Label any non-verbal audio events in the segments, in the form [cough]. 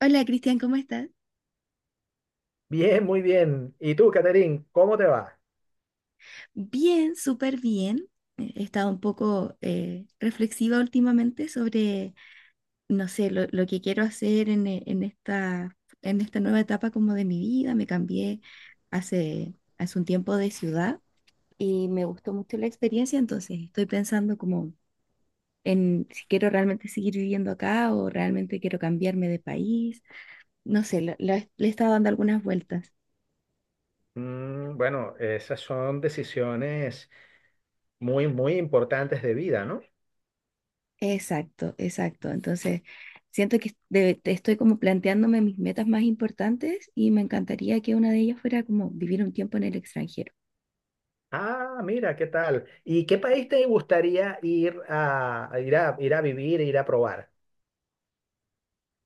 Hola Cristian, ¿cómo estás? Bien, muy bien. ¿Y tú, Caterín, cómo te va? Bien, súper bien. He estado un poco reflexiva últimamente sobre, no sé, lo que quiero hacer en, en esta nueva etapa como de mi vida. Me cambié hace un tiempo de ciudad y me gustó mucho la experiencia, entonces estoy pensando como en si quiero realmente seguir viviendo acá o realmente quiero cambiarme de país. No sé, le he estado dando algunas vueltas. Mm, bueno, esas son decisiones muy, muy importantes de vida, ¿no? Exacto, exacto. Entonces, siento que te estoy como planteándome mis metas más importantes y me encantaría que una de ellas fuera como vivir un tiempo en el extranjero. Ah, mira, ¿qué tal? ¿Y qué país te gustaría ir a vivir, e ir a probar?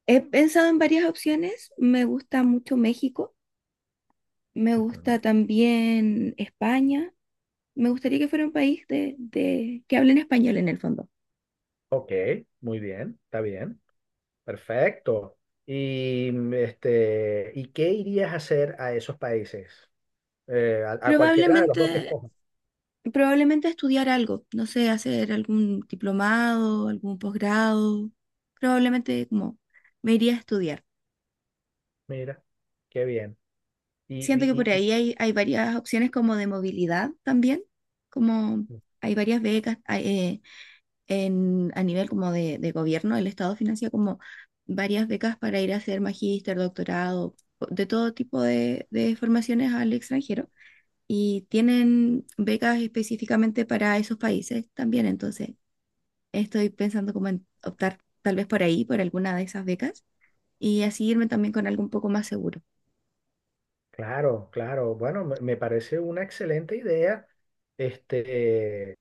He pensado en varias opciones. Me gusta mucho México, me Ujú. gusta también España. Me gustaría que fuera un país de, que hablen español en el fondo. Ok, muy bien, está bien, perfecto. Y ¿y qué irías a hacer a esos países? A, a cualquiera de los dos que Probablemente, escojas. probablemente estudiar algo, no sé, hacer algún diplomado, algún posgrado. Probablemente como me iría a estudiar. Mira, qué bien. Siento que por Y- ahí hay, hay varias opciones como de movilidad también, como hay varias becas hay, en, a nivel como de gobierno, el Estado financia como varias becas para ir a hacer magíster, doctorado, de todo tipo de formaciones al extranjero y tienen becas específicamente para esos países también, entonces estoy pensando como en optar tal vez por ahí, por alguna de esas becas y así irme también con algo un poco más seguro. Claro, claro. Bueno, me parece una excelente idea. Este,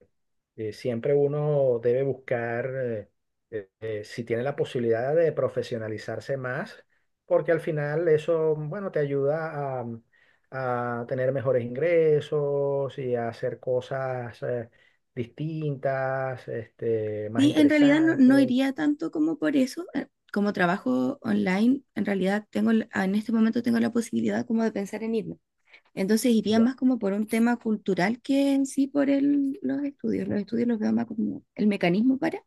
Siempre uno debe buscar, si tiene la posibilidad de profesionalizarse más, porque al final eso, bueno, te ayuda a tener mejores ingresos y a hacer cosas, distintas, este, más Sí, en realidad no, no interesantes. iría tanto como por eso. Como trabajo online, en realidad tengo, en este momento tengo la posibilidad como de pensar en irme. Entonces iría Ya. más como por un tema cultural que en sí por el, los estudios. Los estudios los veo más como el mecanismo para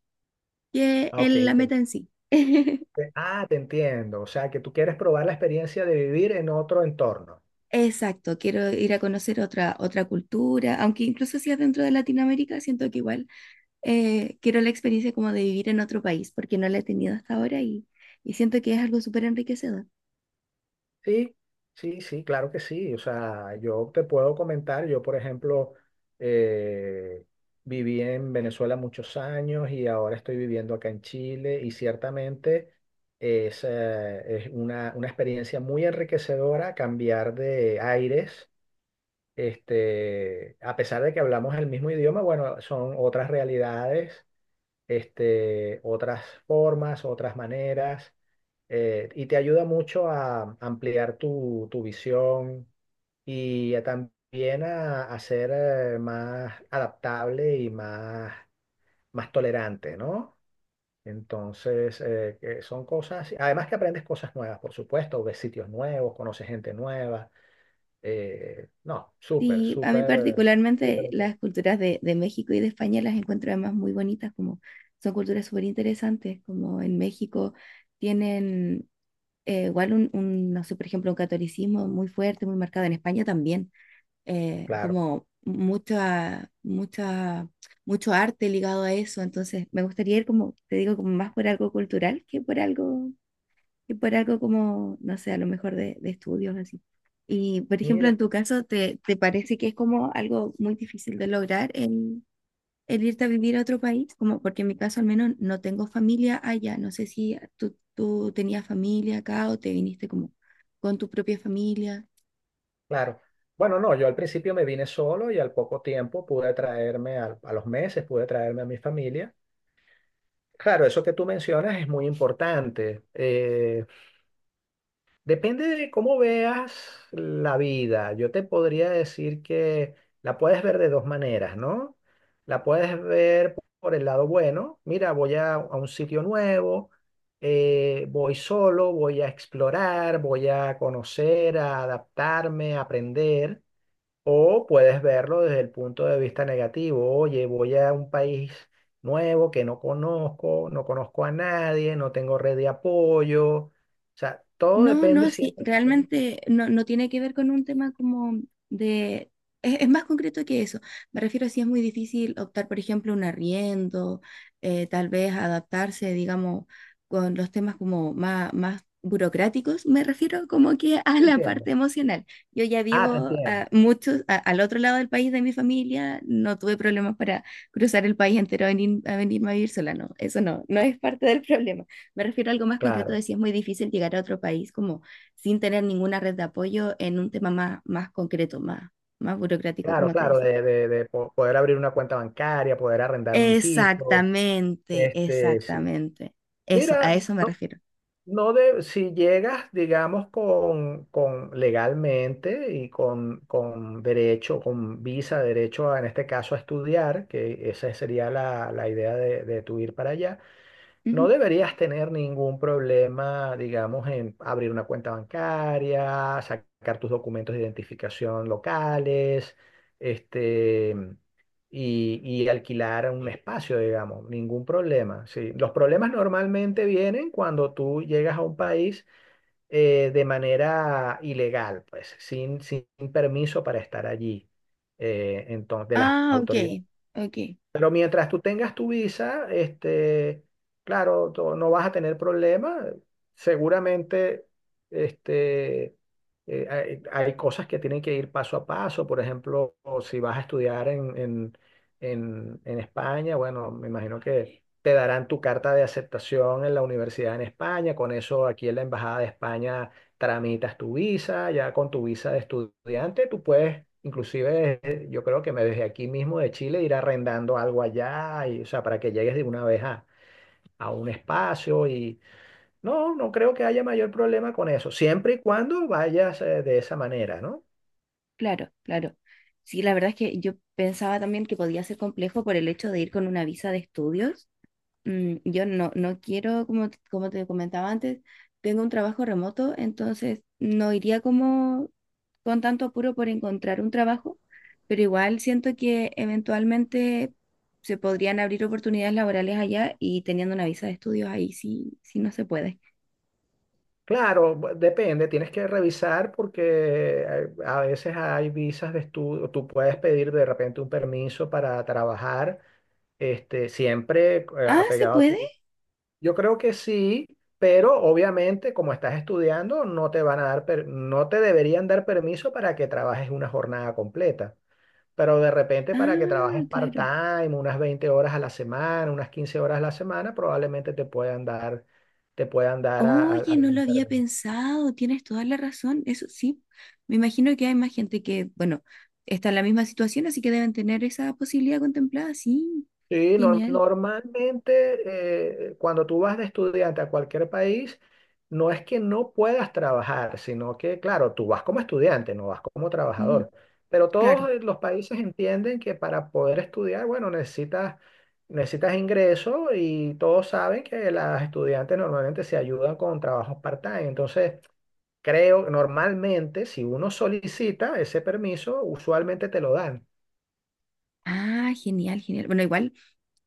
que Ah, ok. La meta en sí. [laughs] Te entiendo. O sea, que tú quieres probar la experiencia de vivir en otro entorno. Exacto, quiero ir a conocer otra, otra cultura, aunque incluso si es dentro de Latinoamérica, siento que igual quiero la experiencia como de vivir en otro país, porque no la he tenido hasta ahora y siento que es algo súper enriquecedor. Sí, sí, sí, claro que sí. O sea, yo te puedo comentar, yo por ejemplo eh, viví en Venezuela muchos años y ahora estoy viviendo acá en Chile y ciertamente es una experiencia muy enriquecedora cambiar de aires. Este, a pesar de que hablamos el mismo idioma, bueno, son otras realidades este, otras formas, otras maneras, y te ayuda mucho a ampliar tu, tu visión y a también a ser más adaptable y más, más tolerante, ¿no? Entonces, que son cosas, además que aprendes cosas nuevas, por supuesto, ves sitios nuevos, conoces gente nueva, no, súper, Sí, a mí súper, súper, particularmente las culturas de México y de España las encuentro además muy bonitas, como son culturas súper interesantes, como en México tienen igual un, no sé, por ejemplo, un catolicismo muy fuerte, muy marcado, en España también, claro. como mucha, mucha, mucho arte ligado a eso, entonces me gustaría ir como, te digo, como más por algo cultural que por algo y por algo como, no sé, a lo mejor de estudios así. Y, por ejemplo, Mira. en tu caso, ¿te, te parece que es como algo muy difícil de lograr el irte a vivir a otro país? Como porque en mi caso al menos no tengo familia allá. No sé si tú, tú tenías familia acá o te viniste como con tu propia familia. Claro. Bueno, no, yo al principio me vine solo y al poco tiempo pude traerme, los meses pude traerme a mi familia. Claro, eso que tú mencionas es muy importante. Depende de cómo veas la vida. Yo te podría decir que la puedes ver de dos maneras, ¿no? La puedes ver por el lado bueno. Mira, voy a un sitio nuevo, voy solo, voy a explorar, voy a conocer, a adaptarme, a aprender. O puedes verlo desde el punto de vista negativo. Oye, voy a un país nuevo que no conozco, no conozco a nadie, no tengo red de apoyo. O sea, todo No, depende no, sí, siempre. realmente no, no tiene que ver con un tema como de... es más concreto que eso. Me refiero a si es muy difícil optar, por ejemplo, un arriendo, tal vez adaptarse, digamos, con los temas como más, más burocráticos. Me refiero como que a ¿Te la entiendo? parte emocional. Yo ya Ah, te vivo entiendo. a muchos, al otro lado del país de mi familia, no tuve problemas para cruzar el país entero a, venir, a venirme a vivir sola, no, eso no, no es parte del problema. Me refiero a algo más concreto de Claro, si es muy difícil llegar a otro país como sin tener ninguna red de apoyo en un tema más, más concreto, más, más burocrático, claro, como te claro. decía. De, poder abrir una cuenta bancaria, poder arrendar un piso. Exactamente, Este, sí. exactamente. Eso, a Mira, eso me refiero. No de, si llegas, digamos, con legalmente y con derecho, con visa, derecho a, en este caso a estudiar, que esa sería la, la idea de tu ir para allá, no Ujú. deberías tener ningún problema, digamos, en abrir una cuenta bancaria, sacar tus documentos de identificación locales, este, y alquilar un espacio, digamos, ningún problema. Sí. Los problemas normalmente vienen cuando tú llegas a un país de manera ilegal, pues, sin, sin permiso para estar allí, entonces, de las Ah, ok, autoridades. ok, Pero mientras tú tengas tu visa, este, claro, no vas a tener problema. Seguramente, este, hay, hay cosas que tienen que ir paso a paso. Por ejemplo, o si vas a estudiar en España, bueno, me imagino que te darán tu carta de aceptación en la universidad en España. Con eso, aquí en la Embajada de España tramitas tu visa, ya con tu visa de estudiante, tú puedes, inclusive yo creo que me desde aquí mismo de Chile ir arrendando algo allá, y, o sea, para que llegues de una vez a un espacio y no, no creo que haya mayor problema con eso, siempre y cuando vayas de esa manera, ¿no? claro, claro. Sí, la verdad es que yo pensaba también que podía ser complejo por el hecho de ir con una visa de estudios. Mm, yo no, no quiero, como, como te comentaba antes, tengo un trabajo remoto, entonces no iría como con tanto apuro por encontrar un trabajo, pero igual siento que eventualmente se podrían abrir oportunidades laborales allá y teniendo una visa de estudios ahí sí, sí no se puede. Claro, depende, tienes que revisar porque a veces hay visas de estudio, tú puedes pedir de repente un permiso para trabajar este, siempre Ah, ¿se apegado. puede? Yo creo que sí, pero obviamente como estás estudiando no te van a dar, no te deberían dar permiso para que trabajes una jornada completa, pero de repente para que trabajes Ah, claro. part-time, unas 20 horas a la semana, unas 15 horas a la semana, probablemente te puedan dar Oye, no lo algún había permiso. pensado, tienes toda la razón, eso sí. Me imagino que hay más gente que, bueno, está en la misma situación, así que deben tener esa posibilidad contemplada, sí. Sí, Genial. normalmente cuando tú vas de estudiante a cualquier país, no es que no puedas trabajar, sino que, claro, tú vas como estudiante, no vas como Ujú. trabajador. Pero Claro. todos los países entienden que para poder estudiar, bueno, necesitas, necesitas ingreso y todos saben que las estudiantes normalmente se ayudan con trabajos part-time. Entonces, creo, normalmente, si uno solicita ese permiso, usualmente te lo dan. Ah, genial, genial. Bueno, igual,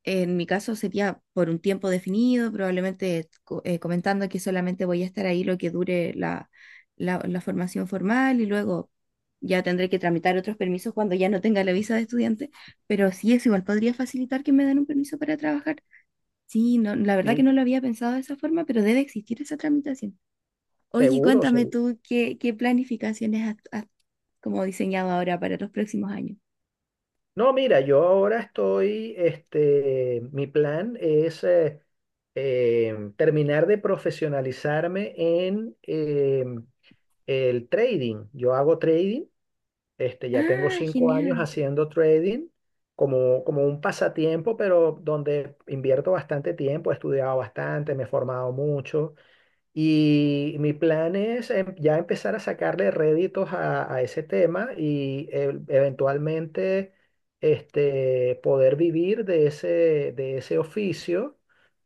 en mi caso sería por un tiempo definido, probablemente comentando que solamente voy a estar ahí lo que dure la, la formación formal y luego ya tendré que tramitar otros permisos cuando ya no tenga la visa de estudiante, pero sí es igual, podría facilitar que me den un permiso para trabajar. Sí, no, la verdad que Sí. no lo había pensado de esa forma, pero debe existir esa tramitación. Oye, Seguro, cuéntame seguro. tú qué, qué planificaciones has, has como diseñado ahora para los próximos años. No, mira, yo ahora estoy, este, mi plan es terminar de profesionalizarme en el trading. Yo hago trading, este, ya tengo Ah, 5 años genial. haciendo trading como, como un pasatiempo, pero donde invierto bastante tiempo, he estudiado bastante, me he formado mucho. Y mi plan es ya empezar a sacarle réditos a ese tema y eventualmente este, poder vivir de ese oficio,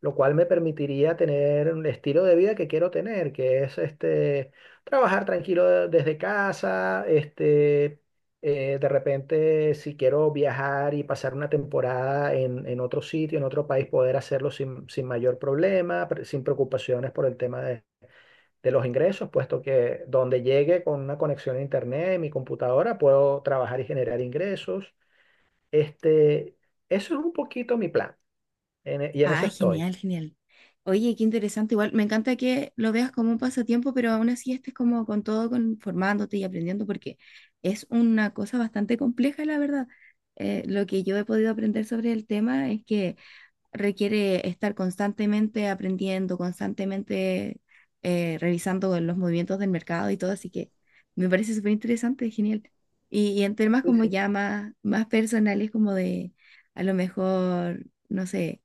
lo cual me permitiría tener el estilo de vida que quiero tener, que es este, trabajar tranquilo desde casa, este, de repente si quiero viajar y pasar una temporada en otro sitio, en otro país, poder hacerlo sin, sin mayor problema, sin preocupaciones por el tema de los ingresos, puesto que donde llegue con una conexión a internet en mi computadora puedo trabajar y generar ingresos. Este, eso es un poquito mi plan en y en eso Ah, estoy. genial, genial. Oye, qué interesante. Igual, me encanta que lo veas como un pasatiempo, pero aún así estés como con todo, con, formándote y aprendiendo, porque es una cosa bastante compleja, la verdad. Lo que yo he podido aprender sobre el tema es que requiere estar constantemente aprendiendo, constantemente revisando los movimientos del mercado y todo, así que me parece súper interesante, genial. Y en temas Sí, como sí. ya más, más personales, como de a lo mejor, no sé,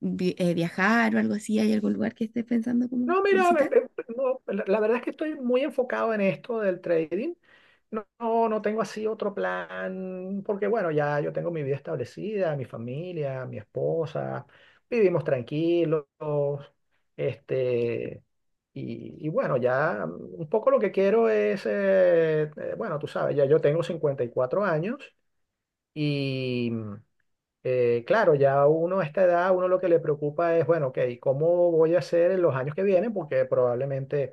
viajar o algo así? ¿Hay algún lugar que estés pensando como No, mira, visitar? No, la verdad es que estoy muy enfocado en esto del trading. No, no, no tengo así otro plan, porque bueno, ya yo tengo mi vida establecida, mi familia, mi esposa, vivimos tranquilos, este, y bueno, ya mm, un poco lo que quiero es, bueno, tú sabes, ya yo tengo 54 años y claro, ya uno a esta edad, uno lo que le preocupa es, bueno, ok, ¿cómo voy a hacer en los años que vienen? Porque probablemente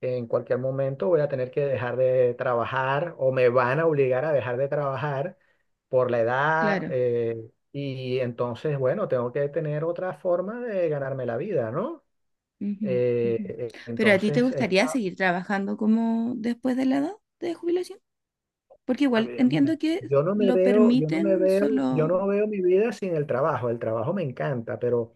en cualquier momento voy a tener que dejar de trabajar o me van a obligar a dejar de trabajar por la edad. Claro. Y entonces, bueno, tengo que tener otra forma de ganarme la vida, ¿no? Ujú, ujú. ¿Pero a ti te Entonces, gustaría esta, seguir trabajando como después de la edad de jubilación? Porque a igual ver, mira, entiendo que lo yo no me permiten veo, yo solo... no veo mi vida sin el trabajo. El trabajo me encanta, pero...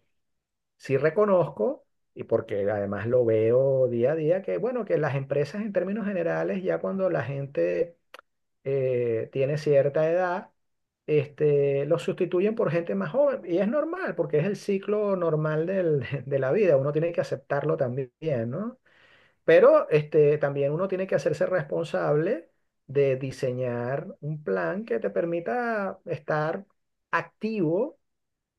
Sí reconozco, y porque además lo veo día a día, que bueno, que las empresas en términos generales, ya cuando la gente tiene cierta edad, este, los sustituyen por gente más joven. Y es normal, porque es el ciclo normal [laughs] de la vida. Uno tiene que aceptarlo también, ¿no? Pero este, también uno tiene que hacerse responsable de diseñar un plan que te permita estar activo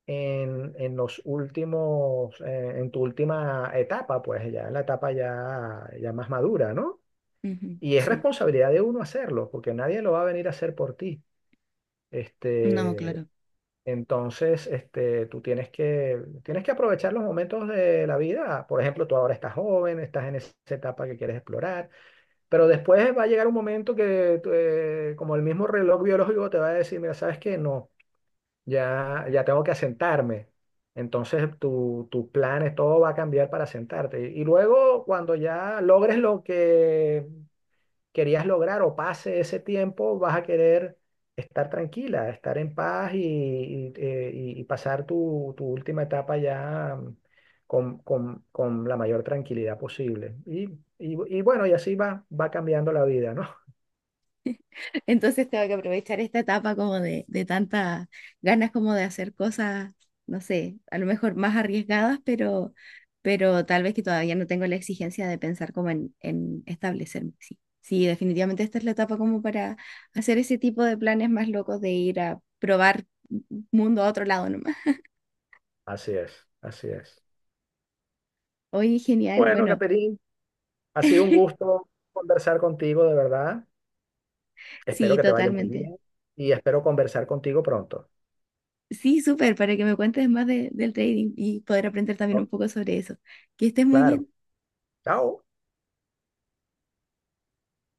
en los últimos, en tu última etapa, pues ya en la etapa ya, ya más madura, ¿no? Ujú, Y es sí. responsabilidad de uno hacerlo, porque nadie lo va a venir a hacer por ti. No, Este, claro. entonces, este, tú tienes que aprovechar los momentos de la vida. Por ejemplo, tú ahora estás joven, estás en esa etapa que quieres explorar, pero después va a llegar un momento que, como el mismo reloj biológico te va a decir, mira, ¿sabes qué? No ya, ya tengo que asentarme. Entonces tu, tus planes, todo va a cambiar para asentarte. Y luego cuando ya logres lo que querías lograr o pase ese tiempo, vas a querer estar tranquila, estar en paz y, y pasar tu, tu última etapa ya mm, con, con la mayor tranquilidad posible. Y bueno, y así va, va cambiando la vida, ¿no? [laughs] Entonces tengo que aprovechar esta etapa como de tantas ganas como de hacer cosas, no sé, a lo mejor más arriesgadas, pero tal vez que todavía no tengo la exigencia de pensar como en establecerme. Sí. Sí, definitivamente esta es la etapa como para hacer ese tipo de planes más locos de ir a probar mundo a otro lado nomás. Así es, así es. Oye, genial. Bueno, Bueno, Caterina. Ha sido un gusto conversar contigo, de verdad. Espero sí, que te vaya muy totalmente. bien y espero conversar contigo pronto. Sí, súper, para que me cuentes más del trading y poder aprender también un Oh, poco sobre eso. Que estés muy claro. bien. Chao.